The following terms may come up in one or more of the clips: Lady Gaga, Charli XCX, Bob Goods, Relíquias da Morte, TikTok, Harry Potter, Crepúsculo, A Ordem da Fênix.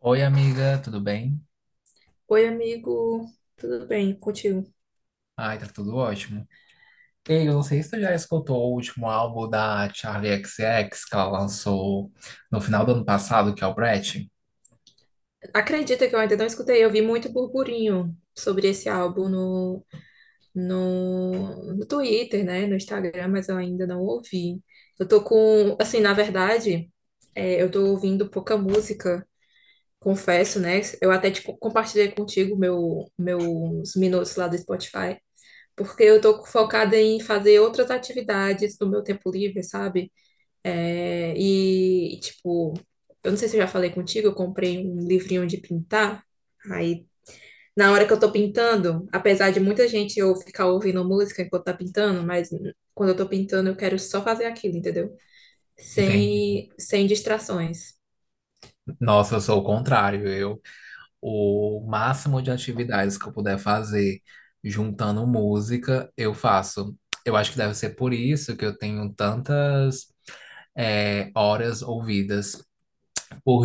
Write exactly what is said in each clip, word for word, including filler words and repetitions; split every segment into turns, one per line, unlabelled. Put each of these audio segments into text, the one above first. Oi, amiga, tudo bem?
Oi, amigo, tudo bem contigo?
Ai, tá tudo ótimo. Ei, eu não sei se tu já escutou o último álbum da Charli X C X que ela lançou no final do ano passado, que é o Brett.
Acredita que eu ainda não escutei, eu vi muito burburinho sobre esse álbum no, no, no Twitter, né, no Instagram, mas eu ainda não ouvi. Eu tô com, assim, na verdade, é, eu tô ouvindo pouca música, confesso, né? Eu até te co- compartilhei contigo meu, meus minutos lá do Spotify, porque eu tô focada em fazer outras atividades no meu tempo livre, sabe? É, e, tipo, eu não sei se eu já falei contigo, eu comprei um livrinho de pintar. Aí, na hora que eu tô pintando, apesar de muita gente eu ficar ouvindo música enquanto tá pintando, mas quando eu tô pintando, eu quero só fazer aquilo, entendeu?
Entendi.
Sem, sem distrações.
Nossa, eu sou o contrário. Eu, o máximo de atividades que eu puder fazer juntando música, eu faço. Eu acho que deve ser por isso que eu tenho tantas, eh, horas ouvidas.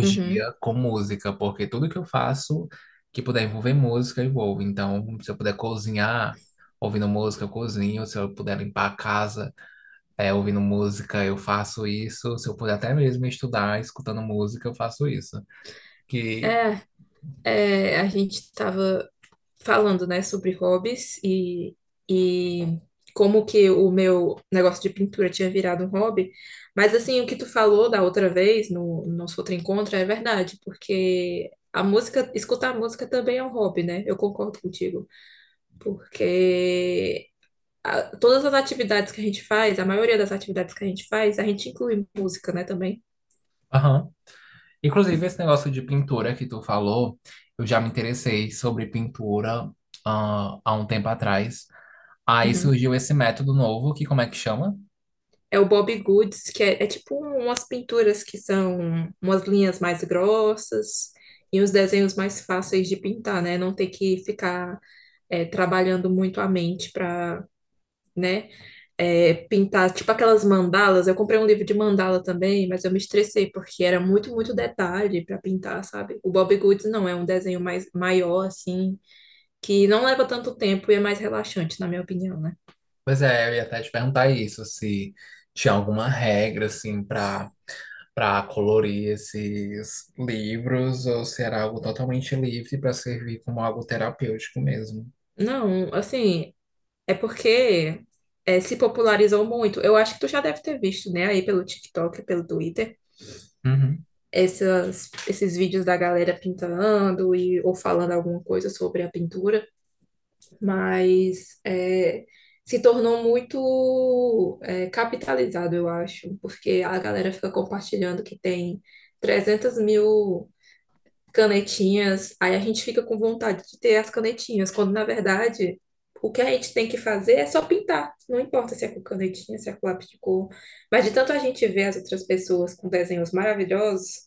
Uhum.
com música, porque tudo que eu faço que puder envolver música, eu envolvo. Então, se eu puder cozinhar ouvindo música, eu cozinho. Se eu puder limpar a casa é, ouvindo música, eu faço isso. Se eu puder até mesmo estudar escutando música, eu faço isso. Que,
É, é, a gente tava falando, né, sobre hobbies e, e como que o meu negócio de pintura tinha virado um hobby. Mas, assim, o que tu falou da outra vez, no, no nosso outro encontro, é verdade, porque a música, escutar música também é um hobby, né? Eu concordo contigo, porque a- todas as atividades que a gente faz, a maioria das atividades que a gente faz, a gente inclui música, né, também.
aham. Inclusive, esse negócio de pintura que tu falou, eu já me interessei sobre pintura ah, há um tempo atrás. Aí
Uhum.
surgiu esse método novo, que como é que chama?
É o Bob Goods, que é, é tipo umas pinturas que são umas linhas mais grossas e uns desenhos mais fáceis de pintar, né? Não ter que ficar é, trabalhando muito a mente para, né, é, pintar. Tipo aquelas mandalas. Eu comprei um livro de mandala também, mas eu me estressei porque era muito, muito detalhe para pintar, sabe? O Bob Goods não, é um desenho mais maior, assim, que não leva tanto tempo e é mais relaxante, na minha opinião, né?
Pois é, eu ia até te perguntar isso, se tinha alguma regra, assim, para para colorir esses livros, ou se era algo totalmente livre para servir como algo terapêutico mesmo.
Não, assim, é porque é, se popularizou muito. Eu acho que tu já deve ter visto, né, aí pelo TikTok, pelo Twitter,
Uhum.
essas, esses vídeos da galera pintando e, ou falando alguma coisa sobre a pintura, mas é, se tornou muito é, capitalizado, eu acho, porque a galera fica compartilhando que tem trezentas mil canetinhas, aí a gente fica com vontade de ter as canetinhas, quando na verdade o que a gente tem que fazer é só pintar. Não importa se é com canetinha, se é com lápis de cor. Mas de tanto a gente ver as outras pessoas com desenhos maravilhosos,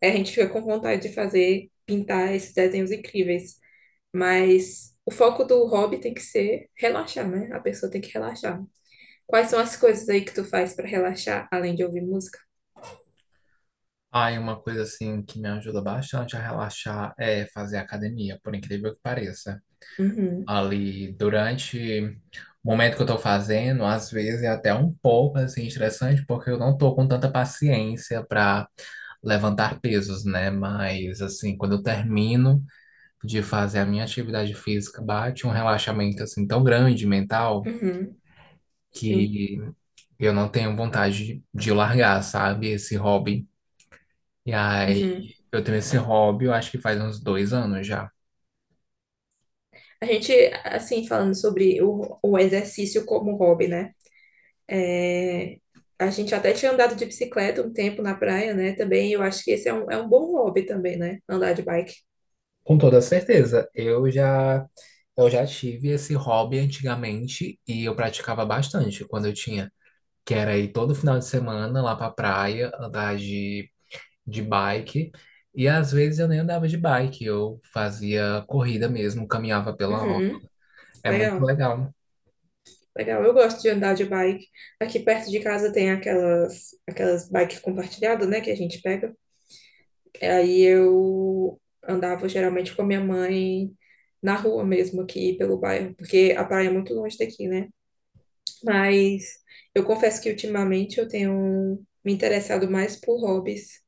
é, a gente fica com vontade de fazer, pintar esses desenhos incríveis. Mas o foco do hobby tem que ser relaxar, né? A pessoa tem que relaxar. Quais são as coisas aí que tu faz para relaxar, além de ouvir música?
Ah, e uma coisa, assim, que me ajuda bastante a relaxar é fazer academia, por incrível que pareça.
Uhum,
Ali, durante o momento que eu tô fazendo, às vezes, é até um pouco assim, estressante, porque eu não tô com tanta paciência para levantar pesos, né? Mas assim, quando eu termino de fazer a minha atividade física, bate um relaxamento assim tão grande mental
uhum, sim.
que eu não tenho vontade de largar, sabe, esse hobby. E aí,
Uhum.
eu tenho esse hobby, eu acho que faz uns dois anos já.
A gente, assim, falando sobre o, o exercício como hobby, né? É, a gente até tinha andado de bicicleta um tempo na praia, né? Também eu acho que esse é um, é um bom hobby também, né? Andar de bike.
Com toda certeza. Eu já eu já tive esse hobby antigamente e eu praticava bastante quando eu tinha, que era ir todo final de semana lá pra praia, andar de, de bike. E às vezes eu nem andava de bike, eu fazia corrida mesmo, caminhava pela orla.
Uhum.
É muito
Legal,
legal.
legal. Eu gosto de andar de bike. Aqui perto de casa tem aquelas, aquelas, bikes compartilhadas, né, que a gente pega. Aí eu andava geralmente com a minha mãe na rua mesmo, aqui pelo bairro, porque a praia é muito longe daqui, né? Mas eu confesso que ultimamente eu tenho me interessado mais por hobbies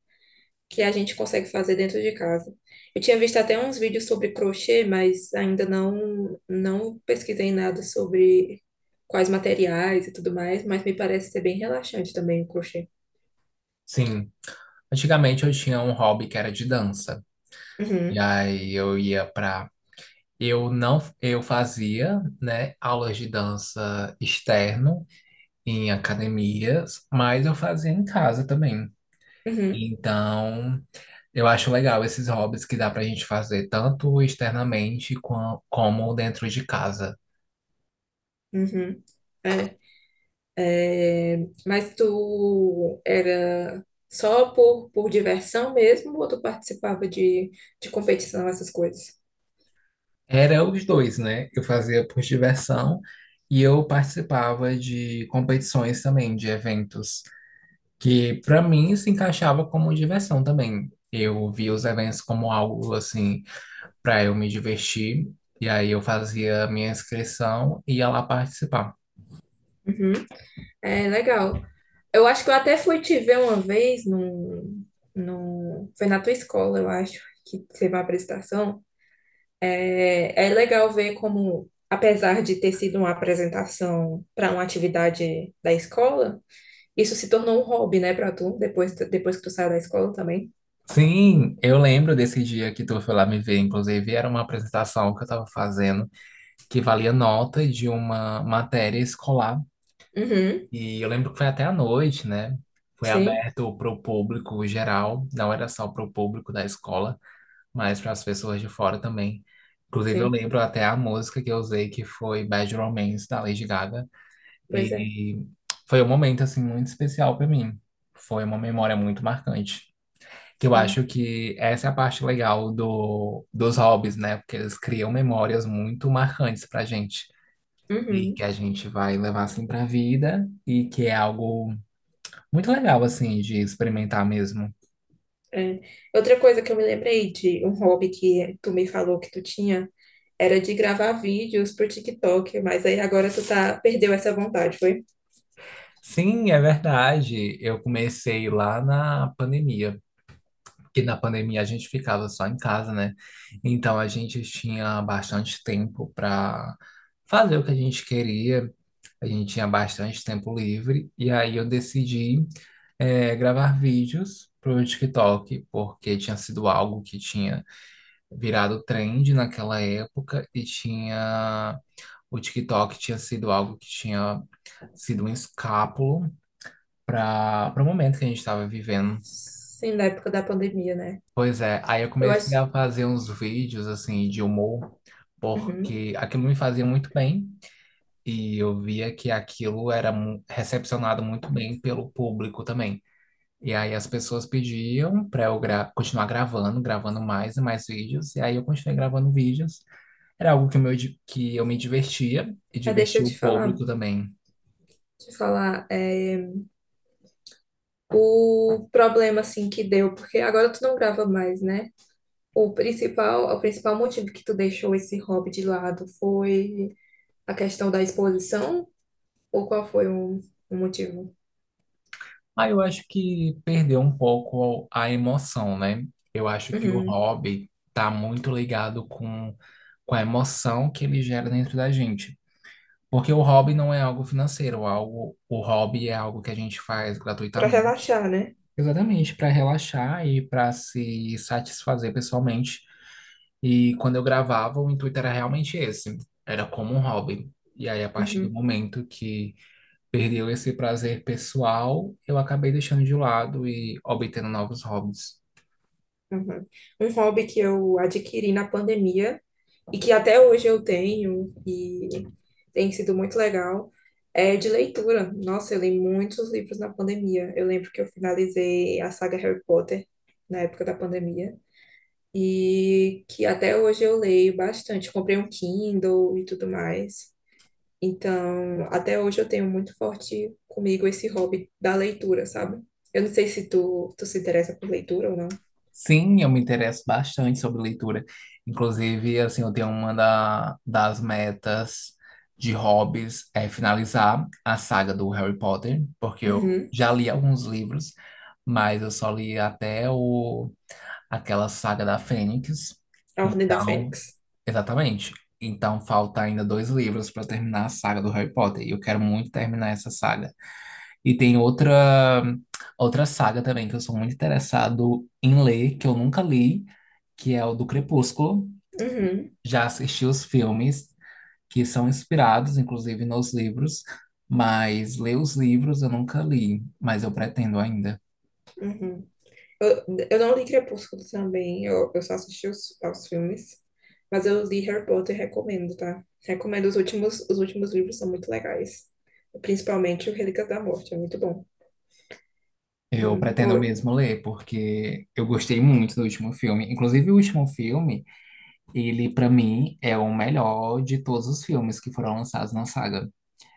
que a gente consegue fazer dentro de casa. Eu tinha visto até uns vídeos sobre crochê, mas ainda não não pesquisei nada sobre quais materiais e tudo mais, mas me parece ser bem relaxante também o crochê.
Sim. Antigamente eu tinha um hobby que era de dança. E
Uhum,
aí eu ia pra. Eu não, eu fazia, né, aulas de dança externo em academias, mas eu fazia em casa também.
uhum,
Então, eu acho legal esses hobbies que dá pra gente fazer tanto externamente qua- como dentro de casa.
uhum, é, é, mas tu era só por, por diversão mesmo ou tu participava de, de competição, essas coisas?
Era os dois, né? Eu fazia por diversão e eu participava de competições também, de eventos, que para mim se encaixava como diversão também. Eu via os eventos como algo assim para eu me divertir, e aí eu fazia a minha inscrição e ia lá participar.
Uhum, é legal. Eu acho que eu até fui te ver uma vez num, num, foi na tua escola, eu acho, que teve uma apresentação. É, é legal ver como, apesar de ter sido uma apresentação para uma atividade da escola, isso se tornou um hobby, né, para tu, depois, depois que tu saiu da escola também.
Sim, eu lembro desse dia que tu foi lá me ver. Inclusive, era uma apresentação que eu tava fazendo que valia nota de uma matéria escolar.
Uhum,
E eu lembro que foi até à noite, né? Foi
sim,
aberto para o público geral, não era só para o público da escola, mas para as pessoas de fora também. Inclusive, eu
sim,
lembro até a música que eu usei, que foi Bad Romance, da Lady Gaga.
pois é,
E foi um momento, assim, muito especial para mim. Foi uma memória muito marcante. Que eu
sim.
acho que essa é a parte legal do, dos hobbies, né? Porque eles criam memórias muito marcantes pra gente. E que
Uhum.
a gente vai levar assim pra vida. E que é algo muito legal, assim, de experimentar mesmo.
É. Outra coisa que eu me lembrei de um hobby que tu me falou que tu tinha era de gravar vídeos pro TikTok, mas aí agora tu tá, perdeu essa vontade, foi?
Sim, é verdade. Eu comecei lá na pandemia. Porque na pandemia a gente ficava só em casa, né? Então a gente tinha bastante tempo pra fazer o que a gente queria. A gente tinha bastante tempo livre, e aí eu decidi eh, gravar vídeos para o TikTok, porque tinha sido algo que tinha virado trend naquela época, e tinha o TikTok tinha sido algo que tinha sido um escápulo para para o momento que a gente estava vivendo.
Sim, na época da pandemia, né?
Pois é, aí eu
Eu
comecei
acho.
a fazer uns vídeos assim de humor,
Uhum.
porque aquilo me fazia muito bem. E eu via que aquilo era mu- recepcionado muito bem pelo público também. E aí as pessoas pediam para eu gra- continuar gravando, gravando mais e mais vídeos, e aí eu continuei gravando vídeos. Era algo que, meu, di- que eu me divertia e
Ah, deixa eu
divertia o
te falar,
público também.
te falar é, o problema assim que deu, porque agora tu não grava mais, né? O principal, o principal motivo que tu deixou esse hobby de lado foi a questão da exposição? Ou qual foi o, o motivo?
Aí eu acho que perdeu um pouco a emoção, né? Eu acho que o
Uhum.
hobby tá muito ligado com, com a emoção que ele gera dentro da gente. Porque o hobby não é algo financeiro, algo, o hobby é algo que a gente faz
Pra
gratuitamente.
relaxar, né?
Exatamente, para relaxar e para se satisfazer pessoalmente. E quando eu gravava, o intuito era realmente esse, era como um hobby. E aí, a partir do
Uhum,
momento que perdeu esse prazer pessoal, eu acabei deixando de lado e obtendo novos hobbies.
uhum. Um hobby que eu adquiri na pandemia e que até hoje eu tenho e tem sido muito legal é de leitura. Nossa, eu li muitos livros na pandemia. Eu lembro que eu finalizei a saga Harry Potter na época da pandemia e que até hoje eu leio bastante. Comprei um Kindle e tudo mais. Então, até hoje eu tenho muito forte comigo esse hobby da leitura, sabe? Eu não sei se tu, tu se interessa por leitura ou
Sim, eu me interesso bastante sobre leitura. Inclusive, assim, eu tenho uma da- das metas de hobbies é finalizar a saga do Harry Potter, porque eu
não.
já li alguns livros, mas eu só li até o, aquela saga da Fênix.
A Ordem da
Então,
Fênix.
exatamente. Então, falta ainda dois livros para terminar a saga do Harry Potter. E eu quero muito terminar essa saga. E tem outra outra saga também que eu sou muito interessado em ler, que eu nunca li, que é o do Crepúsculo.
Uhum,
Já assisti os filmes que são inspirados, inclusive, nos livros, mas ler os livros eu nunca li, mas eu pretendo ainda.
uhum. Eu, eu não li Crepúsculo também, eu, eu só assisti os, aos filmes. Mas eu li Harry Potter e recomendo, tá? Recomendo os últimos, os últimos livros são muito legais. Principalmente o Relíquias da Morte, é muito bom.
Eu
Hum,
pretendo
pô,
mesmo ler, porque eu gostei muito do último filme. Inclusive, o último filme, ele, para mim, é o melhor de todos os filmes que foram lançados na saga.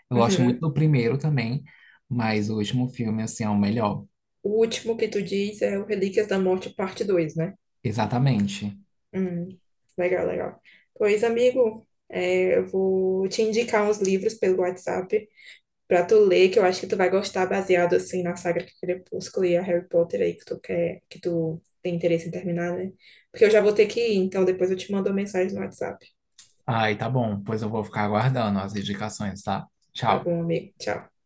Eu gosto muito
uhum.
do primeiro também, mas o último filme, assim, é o melhor.
O último que tu diz é o Relíquias da Morte, parte dois, né?
Exatamente.
Hum, legal, legal. Pois, amigo, é, eu vou te indicar uns livros pelo WhatsApp, pra tu ler, que eu acho que tu vai gostar, baseado assim na saga que Crepúsculo e a Harry Potter aí que tu quer, que tu tem interesse em terminar, né? Porque eu já vou ter que ir, então depois eu te mando uma mensagem no WhatsApp.
Ai, tá bom. Pois eu vou ficar aguardando as indicações, tá?
Tá
Tchau.
bom, amigo? Tchau.